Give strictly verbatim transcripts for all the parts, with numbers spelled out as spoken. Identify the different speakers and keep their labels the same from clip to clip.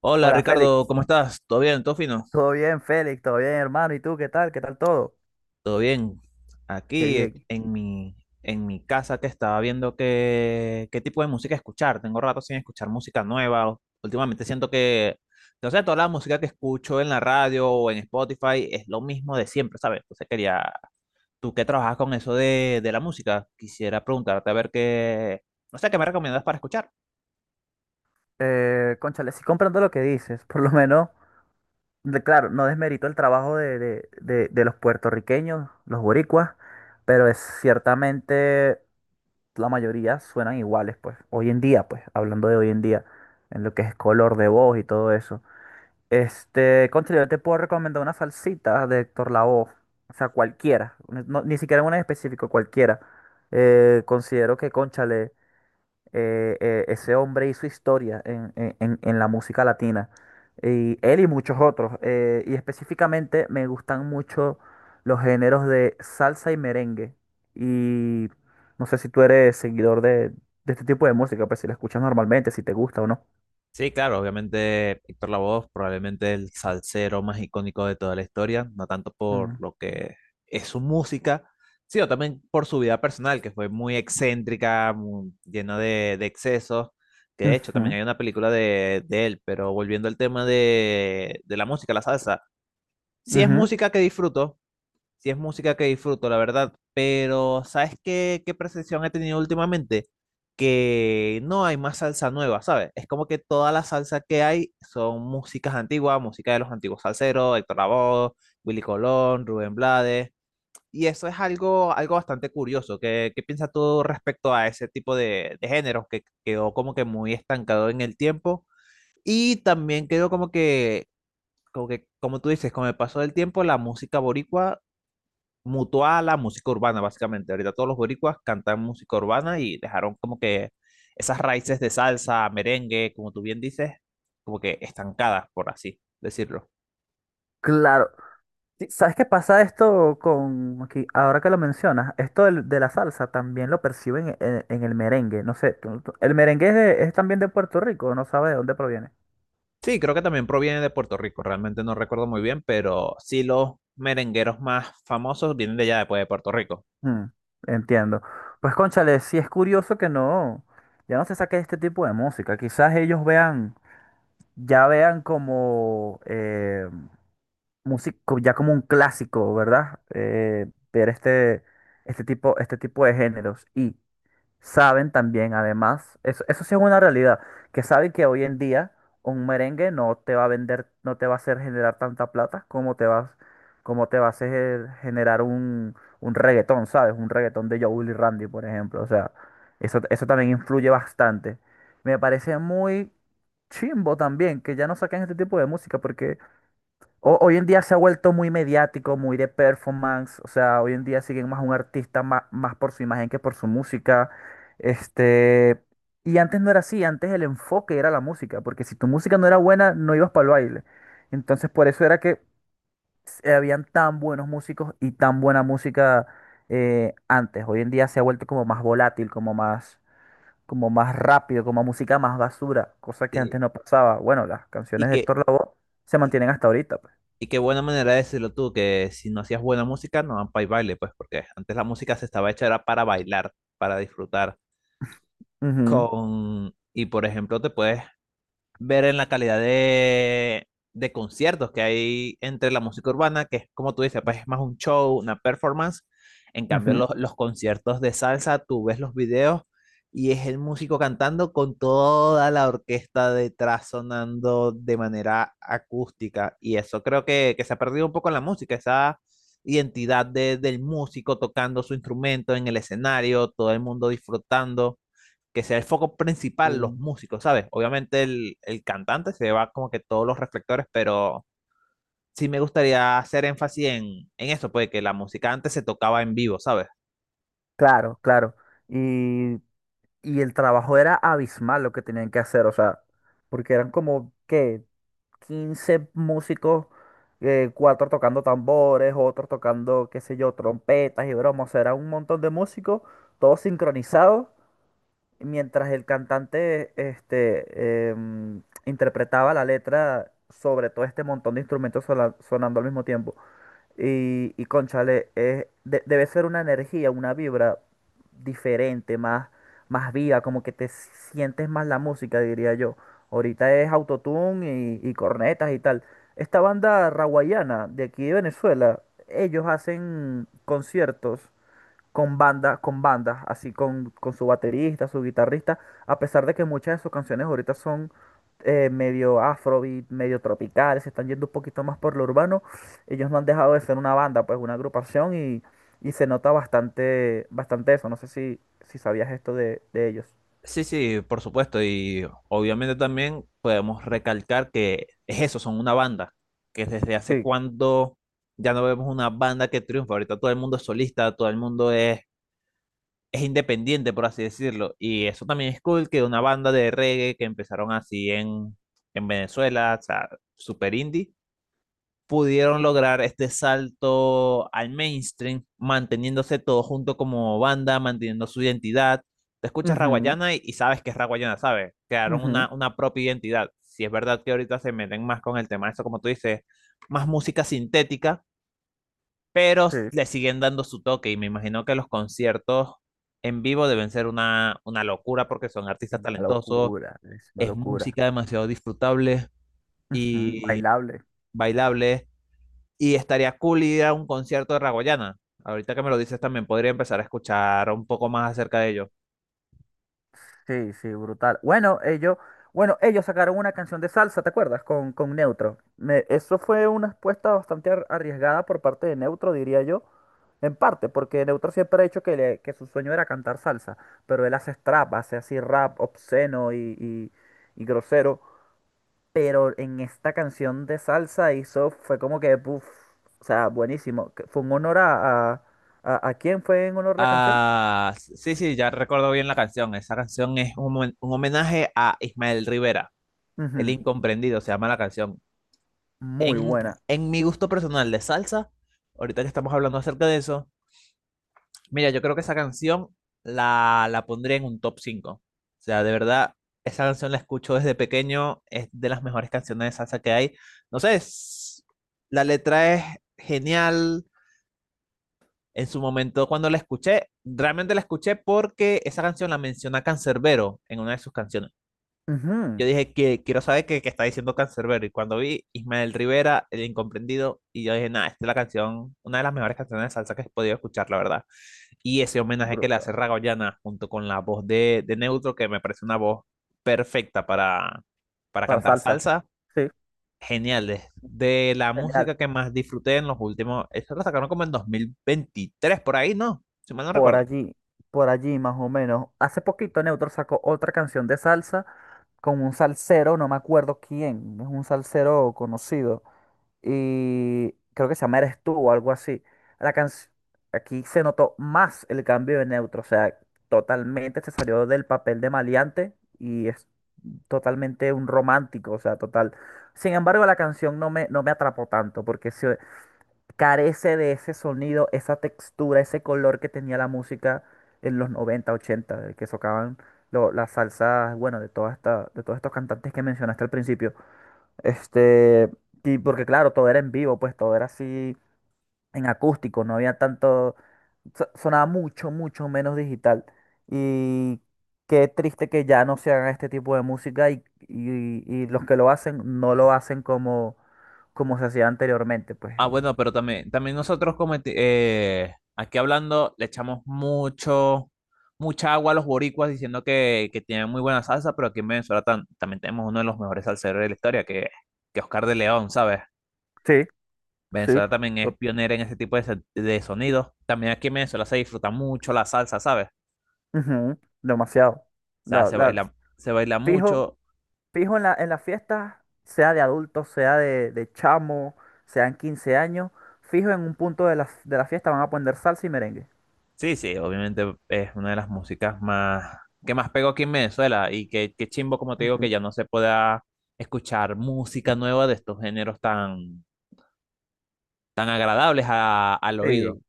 Speaker 1: Hola
Speaker 2: Hola
Speaker 1: Ricardo,
Speaker 2: Félix,
Speaker 1: ¿cómo estás? ¿Todo bien? ¿Todo fino?
Speaker 2: todo bien Félix, todo bien hermano, ¿y tú qué tal? ¿Qué tal todo?
Speaker 1: Todo bien.
Speaker 2: Qué
Speaker 1: Aquí eh,
Speaker 2: bien.
Speaker 1: en mi, en mi casa que estaba viendo qué, qué tipo de música escuchar. Tengo rato sin escuchar música nueva. Últimamente siento que, no sé, toda la música que escucho en la radio o en Spotify es lo mismo de siempre, ¿sabes? Entonces quería, tú que trabajas con eso de, de la música, quisiera preguntarte a ver qué, no sé, qué me recomiendas para escuchar.
Speaker 2: Eh, cónchale, sí comprendo lo que dices, por lo menos, de- claro, no desmerito el trabajo de, de- de- de los puertorriqueños, los boricuas, pero es ciertamente la mayoría suenan iguales, pues, hoy en día, pues, hablando de hoy en día, en lo que es color de voz y todo eso. Este, cónchale, yo te puedo recomendar una salsita de Héctor Lavoe. O sea, cualquiera. Ni no- ni siquiera una en específico, cualquiera. Eh, considero que, cónchale, eh, eh, ese hombre hizo historia en, en- en- en la música latina. Y él y muchos otros. Eh, y específicamente me gustan mucho los géneros de salsa y merengue. Y no sé si tú eres seguidor de, de este tipo de música, pues si la escuchas normalmente, si te gusta o no.
Speaker 1: Sí, claro, obviamente Héctor Lavoe probablemente el salsero más icónico de toda la historia, no tanto por
Speaker 2: Mm.
Speaker 1: lo que es su música, sino también por su vida personal, que fue muy excéntrica, mu- llena de, de excesos, que de hecho también
Speaker 2: Ujú,
Speaker 1: hay una película de, de él, pero volviendo al tema de, de la música, la salsa, sí es
Speaker 2: ujú.
Speaker 1: música que disfruto, sí es música que disfruto, la verdad, pero ¿sabes qué, qué percepción he tenido últimamente? Que no hay más salsa nueva, ¿sabes? Es como que toda la salsa que hay son músicas antiguas, música de los antiguos salseros, Héctor Lavoe, Willy Colón, Rubén Blades, y eso es algo, algo bastante curioso. ¿Qué, qué piensas tú respecto a ese tipo de, de géneros que quedó como que muy estancado en el tiempo? Y también quedó como que como que, como tú dices, con el paso del tiempo, la música boricua mutó a la música urbana, básicamente. Ahorita todos los boricuas cantan música urbana y dejaron como que esas raíces de salsa, merengue, como tú bien dices, como que estancadas, por así decirlo.
Speaker 2: Claro. Sí, ¿sabes qué pasa esto con, aquí, ahora que lo mencionas? Esto del- de, la salsa también lo perciben en, en el merengue. No sé, tú- tú- el merengue es, de- es también de Puerto Rico, no sabe de dónde proviene.
Speaker 1: Sí, creo que también proviene de Puerto Rico, realmente no recuerdo muy bien, pero sí los merengueros más famosos vienen de allá, después de Puerto Rico.
Speaker 2: Mm, entiendo. Pues cónchale, sí es curioso que no, ya no se saque este tipo de música. Quizás ellos vean, ya vean como eh, músico, ya como un clásico, ¿verdad? Eh, ver este, este tipo, este tipo de géneros. Y saben también, además, eso, eso sí es una realidad, que saben que hoy en día un merengue no te va a vender, no te va a hacer generar tanta plata como te vas, como te va a hacer generar un, un reggaetón, ¿sabes? Un reggaetón de Joel y Randy, por ejemplo. O sea, eso, eso también influye bastante. Me parece muy chimbo también que ya no saquen este tipo de música, porque ho- hoy en día se ha vuelto muy mediático, muy de performance, o sea, hoy en día siguen más a un artista ma- más, por su imagen que por su música. Este, y antes no era así, antes el enfoque era la música, porque si tu música no era buena, no ibas para el baile. Entonces, por eso era que se- habían tan buenos músicos y tan buena música eh, antes. Hoy en día se ha vuelto como más volátil, como más, como más rápido, como música más basura, cosa que antes
Speaker 1: Sí.
Speaker 2: no pasaba. Bueno, las
Speaker 1: Y
Speaker 2: canciones de
Speaker 1: que
Speaker 2: Héctor Lavoe se mantienen hasta ahorita, pues.
Speaker 1: y qué buena manera de decirlo tú, que si no hacías buena música, no van para el baile, pues, porque antes la música se estaba hecha era para bailar, para disfrutar
Speaker 2: Ujú.
Speaker 1: con... Y por ejemplo, te puedes ver en la calidad de, de conciertos que hay entre la música urbana, que es como tú dices, pues es más un show, una performance. En cambio,
Speaker 2: Ujú.
Speaker 1: los, los conciertos de salsa, tú ves los videos y es el músico cantando con toda la orquesta detrás sonando de manera acústica. Y eso creo que, que se ha perdido un poco en la música, esa identidad de, del músico tocando su instrumento en el escenario, todo el mundo disfrutando que sea el foco principal los
Speaker 2: Y-
Speaker 1: músicos, ¿sabes? Obviamente el, el cantante se va como que todos los reflectores, pero sí me gustaría hacer énfasis en, en eso, pues que la música antes se tocaba en vivo, ¿sabes?
Speaker 2: Claro, claro. Y, y el trabajo era abismal lo que tenían que hacer, o sea, porque eran como, ¿qué? Quince músicos, eh, cuatro tocando tambores, otros tocando, qué sé yo, trompetas y bromas, o sea, era un montón de músicos, todos sincronizados, mientras el cantante, este, em, interpretaba la letra sobre todo este montón de instrumentos sola- sonando al mismo tiempo. Y, y cónchale, es- de- debe ser una energía, una vibra diferente, más, más viva, como que te sientes más la música, diría yo. Ahorita es autotune y, y cornetas y tal. Esta banda raguayana de aquí de Venezuela, ellos hacen conciertos con banda, con bandas, así con, con su baterista, su guitarrista, a pesar de que muchas de sus canciones ahorita son eh, medio afrobeat, medio tropicales, se están yendo un poquito más por lo urbano, ellos no han dejado de ser una banda, pues una agrupación y, y se nota bastante, bastante eso. No sé si, si sabías esto de, de ellos.
Speaker 1: Sí, sí, por supuesto, y obviamente también podemos recalcar que es eso, son una banda, que desde hace
Speaker 2: Sí,
Speaker 1: cuando ya no vemos una banda que triunfa, ahorita todo el mundo es solista, todo el mundo es es independiente, por así decirlo. Y eso también es cool que una banda de reggae que empezaron así en, en Venezuela, o sea, super indie, pudieron lograr este salto al mainstream, manteniéndose todos juntos como banda, manteniendo su identidad. Te escuchas
Speaker 2: ujú,
Speaker 1: Raguayana y, y sabes que es Raguayana, ¿sabes? Crearon
Speaker 2: ujú,
Speaker 1: una, una propia identidad. Si es verdad que ahorita se meten más con el tema, eso como tú dices, más música sintética, pero
Speaker 2: sí,
Speaker 1: le siguen dando su toque y me imagino que los conciertos en vivo deben ser una, una locura porque son artistas
Speaker 2: una
Speaker 1: talentosos,
Speaker 2: locura, es una
Speaker 1: es
Speaker 2: locura.
Speaker 1: música demasiado disfrutable
Speaker 2: Ujú,
Speaker 1: y
Speaker 2: bailable.
Speaker 1: bailable y estaría cool ir a un concierto de Ragoyana. Ahorita que me lo dices también podría empezar a escuchar un poco más acerca de ello.
Speaker 2: Sí, sí, brutal. Bueno, ellos, bueno, ellos sacaron una canción de salsa, ¿te acuerdas? Con, con Neutro. Me- eso fue una apuesta bastante ar- arriesgada por parte de Neutro, diría yo. En parte, porque Neutro siempre ha dicho que, le- que su sueño era cantar salsa, pero él hace trap, hace así rap obsceno y, y- y grosero. Pero en esta canción de salsa hizo, fue como que, uff, o sea, buenísimo. Que fue un honor a, a, a, ¿a quién fue en honor la canción?
Speaker 1: Ah, sí, sí, ya recuerdo bien la canción. Esa canción es un, homen- un homenaje a Ismael Rivera, el
Speaker 2: Ujú,
Speaker 1: incomprendido, se llama la canción.
Speaker 2: muy
Speaker 1: En,
Speaker 2: buena.
Speaker 1: en mi gusto personal de salsa, ahorita que estamos hablando acerca de eso, mira, yo creo que esa canción la, la pondría en un top cinco. O sea, de verdad, esa canción la escucho desde pequeño, es de las mejores canciones de salsa que hay. No sé, es- la letra es genial. En su momento, cuando la escuché, realmente la escuché porque esa canción la menciona Cancerbero en una de sus canciones. Yo
Speaker 2: Ujú.
Speaker 1: dije, que quiero saber qué, qué está diciendo Cancerbero. Y cuando vi Ismael Rivera, El Incomprendido, y yo dije, nada, esta es la canción, una de las mejores canciones de salsa que he podido escuchar, la verdad. Y ese homenaje que le hace
Speaker 2: Brutal.
Speaker 1: Ragoyana junto con la voz de, de Neutro, que me parece una voz perfecta para, para
Speaker 2: Para
Speaker 1: cantar
Speaker 2: salsa.
Speaker 1: salsa,
Speaker 2: Sí,
Speaker 1: genial. Es de la
Speaker 2: genial.
Speaker 1: música que más disfruté en los últimos, eso lo sacaron como en dos mil veintitrés, por ahí, ¿no? Si mal no
Speaker 2: Por
Speaker 1: recuerdo.
Speaker 2: allí, por allí más o menos. Hace poquito Neutro sacó otra canción de salsa con un salsero, no me acuerdo quién, es un salsero conocido. Y creo que se llama Eres tú o algo así. La canción, aquí se notó más el cambio de Neutro, o sea, totalmente se salió del papel de maleante y es totalmente un romántico, o sea, total. Sin embargo, la canción no me, no me atrapó tanto porque sí, carece de ese sonido, esa textura, ese color que tenía la música en los noventa, ochenta, de que tocaban lo- las salsas, bueno, de toda esta, de todos estos cantantes que mencionaste al principio. Este, y porque claro, todo era en vivo, pues todo era así en acústico, no había tanto, so- sonaba mucho, mucho menos digital. Y qué triste que ya no se haga este tipo de música y, y- y los que lo hacen no lo hacen como, como se hacía anteriormente, pues.
Speaker 1: Ah,
Speaker 2: Y-
Speaker 1: bueno, pero también, también nosotros cometi- eh, aquí hablando le echamos mucho, mucha agua a los boricuas diciendo que, que tienen muy buena salsa, pero aquí en Venezuela tam- también tenemos uno de los mejores salseros de la historia, que, que Oscar de León, ¿sabes?
Speaker 2: Sí. Sí,
Speaker 1: Venezuela también es
Speaker 2: to-
Speaker 1: pionera en ese tipo de, se- de sonidos. También aquí en Venezuela se disfruta mucho la salsa, ¿sabes?
Speaker 2: ujú, demasiado.
Speaker 1: O sea,
Speaker 2: La,
Speaker 1: se
Speaker 2: la-
Speaker 1: baila, se baila
Speaker 2: Fijo,
Speaker 1: mucho.
Speaker 2: fijo en la, en las fiestas, sea de adultos, sea de, de chamo, sean quince años, fijo en un punto de la, de la fiesta van a poner salsa y merengue.
Speaker 1: Sí, sí, obviamente es una de las músicas más que más pegó aquí en Venezuela y que, que chimbo, como te digo,
Speaker 2: Ujú.
Speaker 1: que ya no se pueda escuchar música nueva de estos géneros tan, tan agradables a- al oído.
Speaker 2: Sí.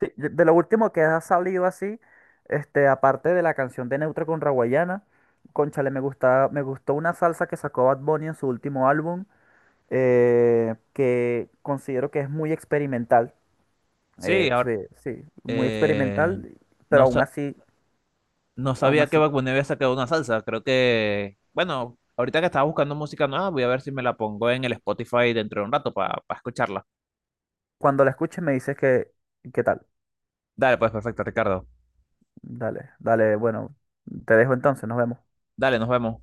Speaker 2: Sí, de, de lo último que ha salido así, este, aparte de la canción de Neutro con Raguayana, cónchale, me gusta, me gustó una salsa que sacó Bad Bunny en su último álbum, eh, que considero que es muy experimental.
Speaker 1: Sí,
Speaker 2: Eh,
Speaker 1: ahora
Speaker 2: sí, sí, muy
Speaker 1: eh,
Speaker 2: experimental, pero
Speaker 1: no,
Speaker 2: aún
Speaker 1: sa-
Speaker 2: así,
Speaker 1: no
Speaker 2: aún
Speaker 1: sabía que
Speaker 2: así,
Speaker 1: Bad Bunny había sacado una salsa. Creo que, bueno, ahorita que estaba buscando música nueva, voy a ver si me la pongo en el Spotify dentro de un rato para escucharla.
Speaker 2: cuando la escuches me dices que, ¿qué tal?
Speaker 1: Dale, pues perfecto, Ricardo.
Speaker 2: Dale, dale, bueno, te dejo entonces, nos vemos.
Speaker 1: Dale, nos vemos.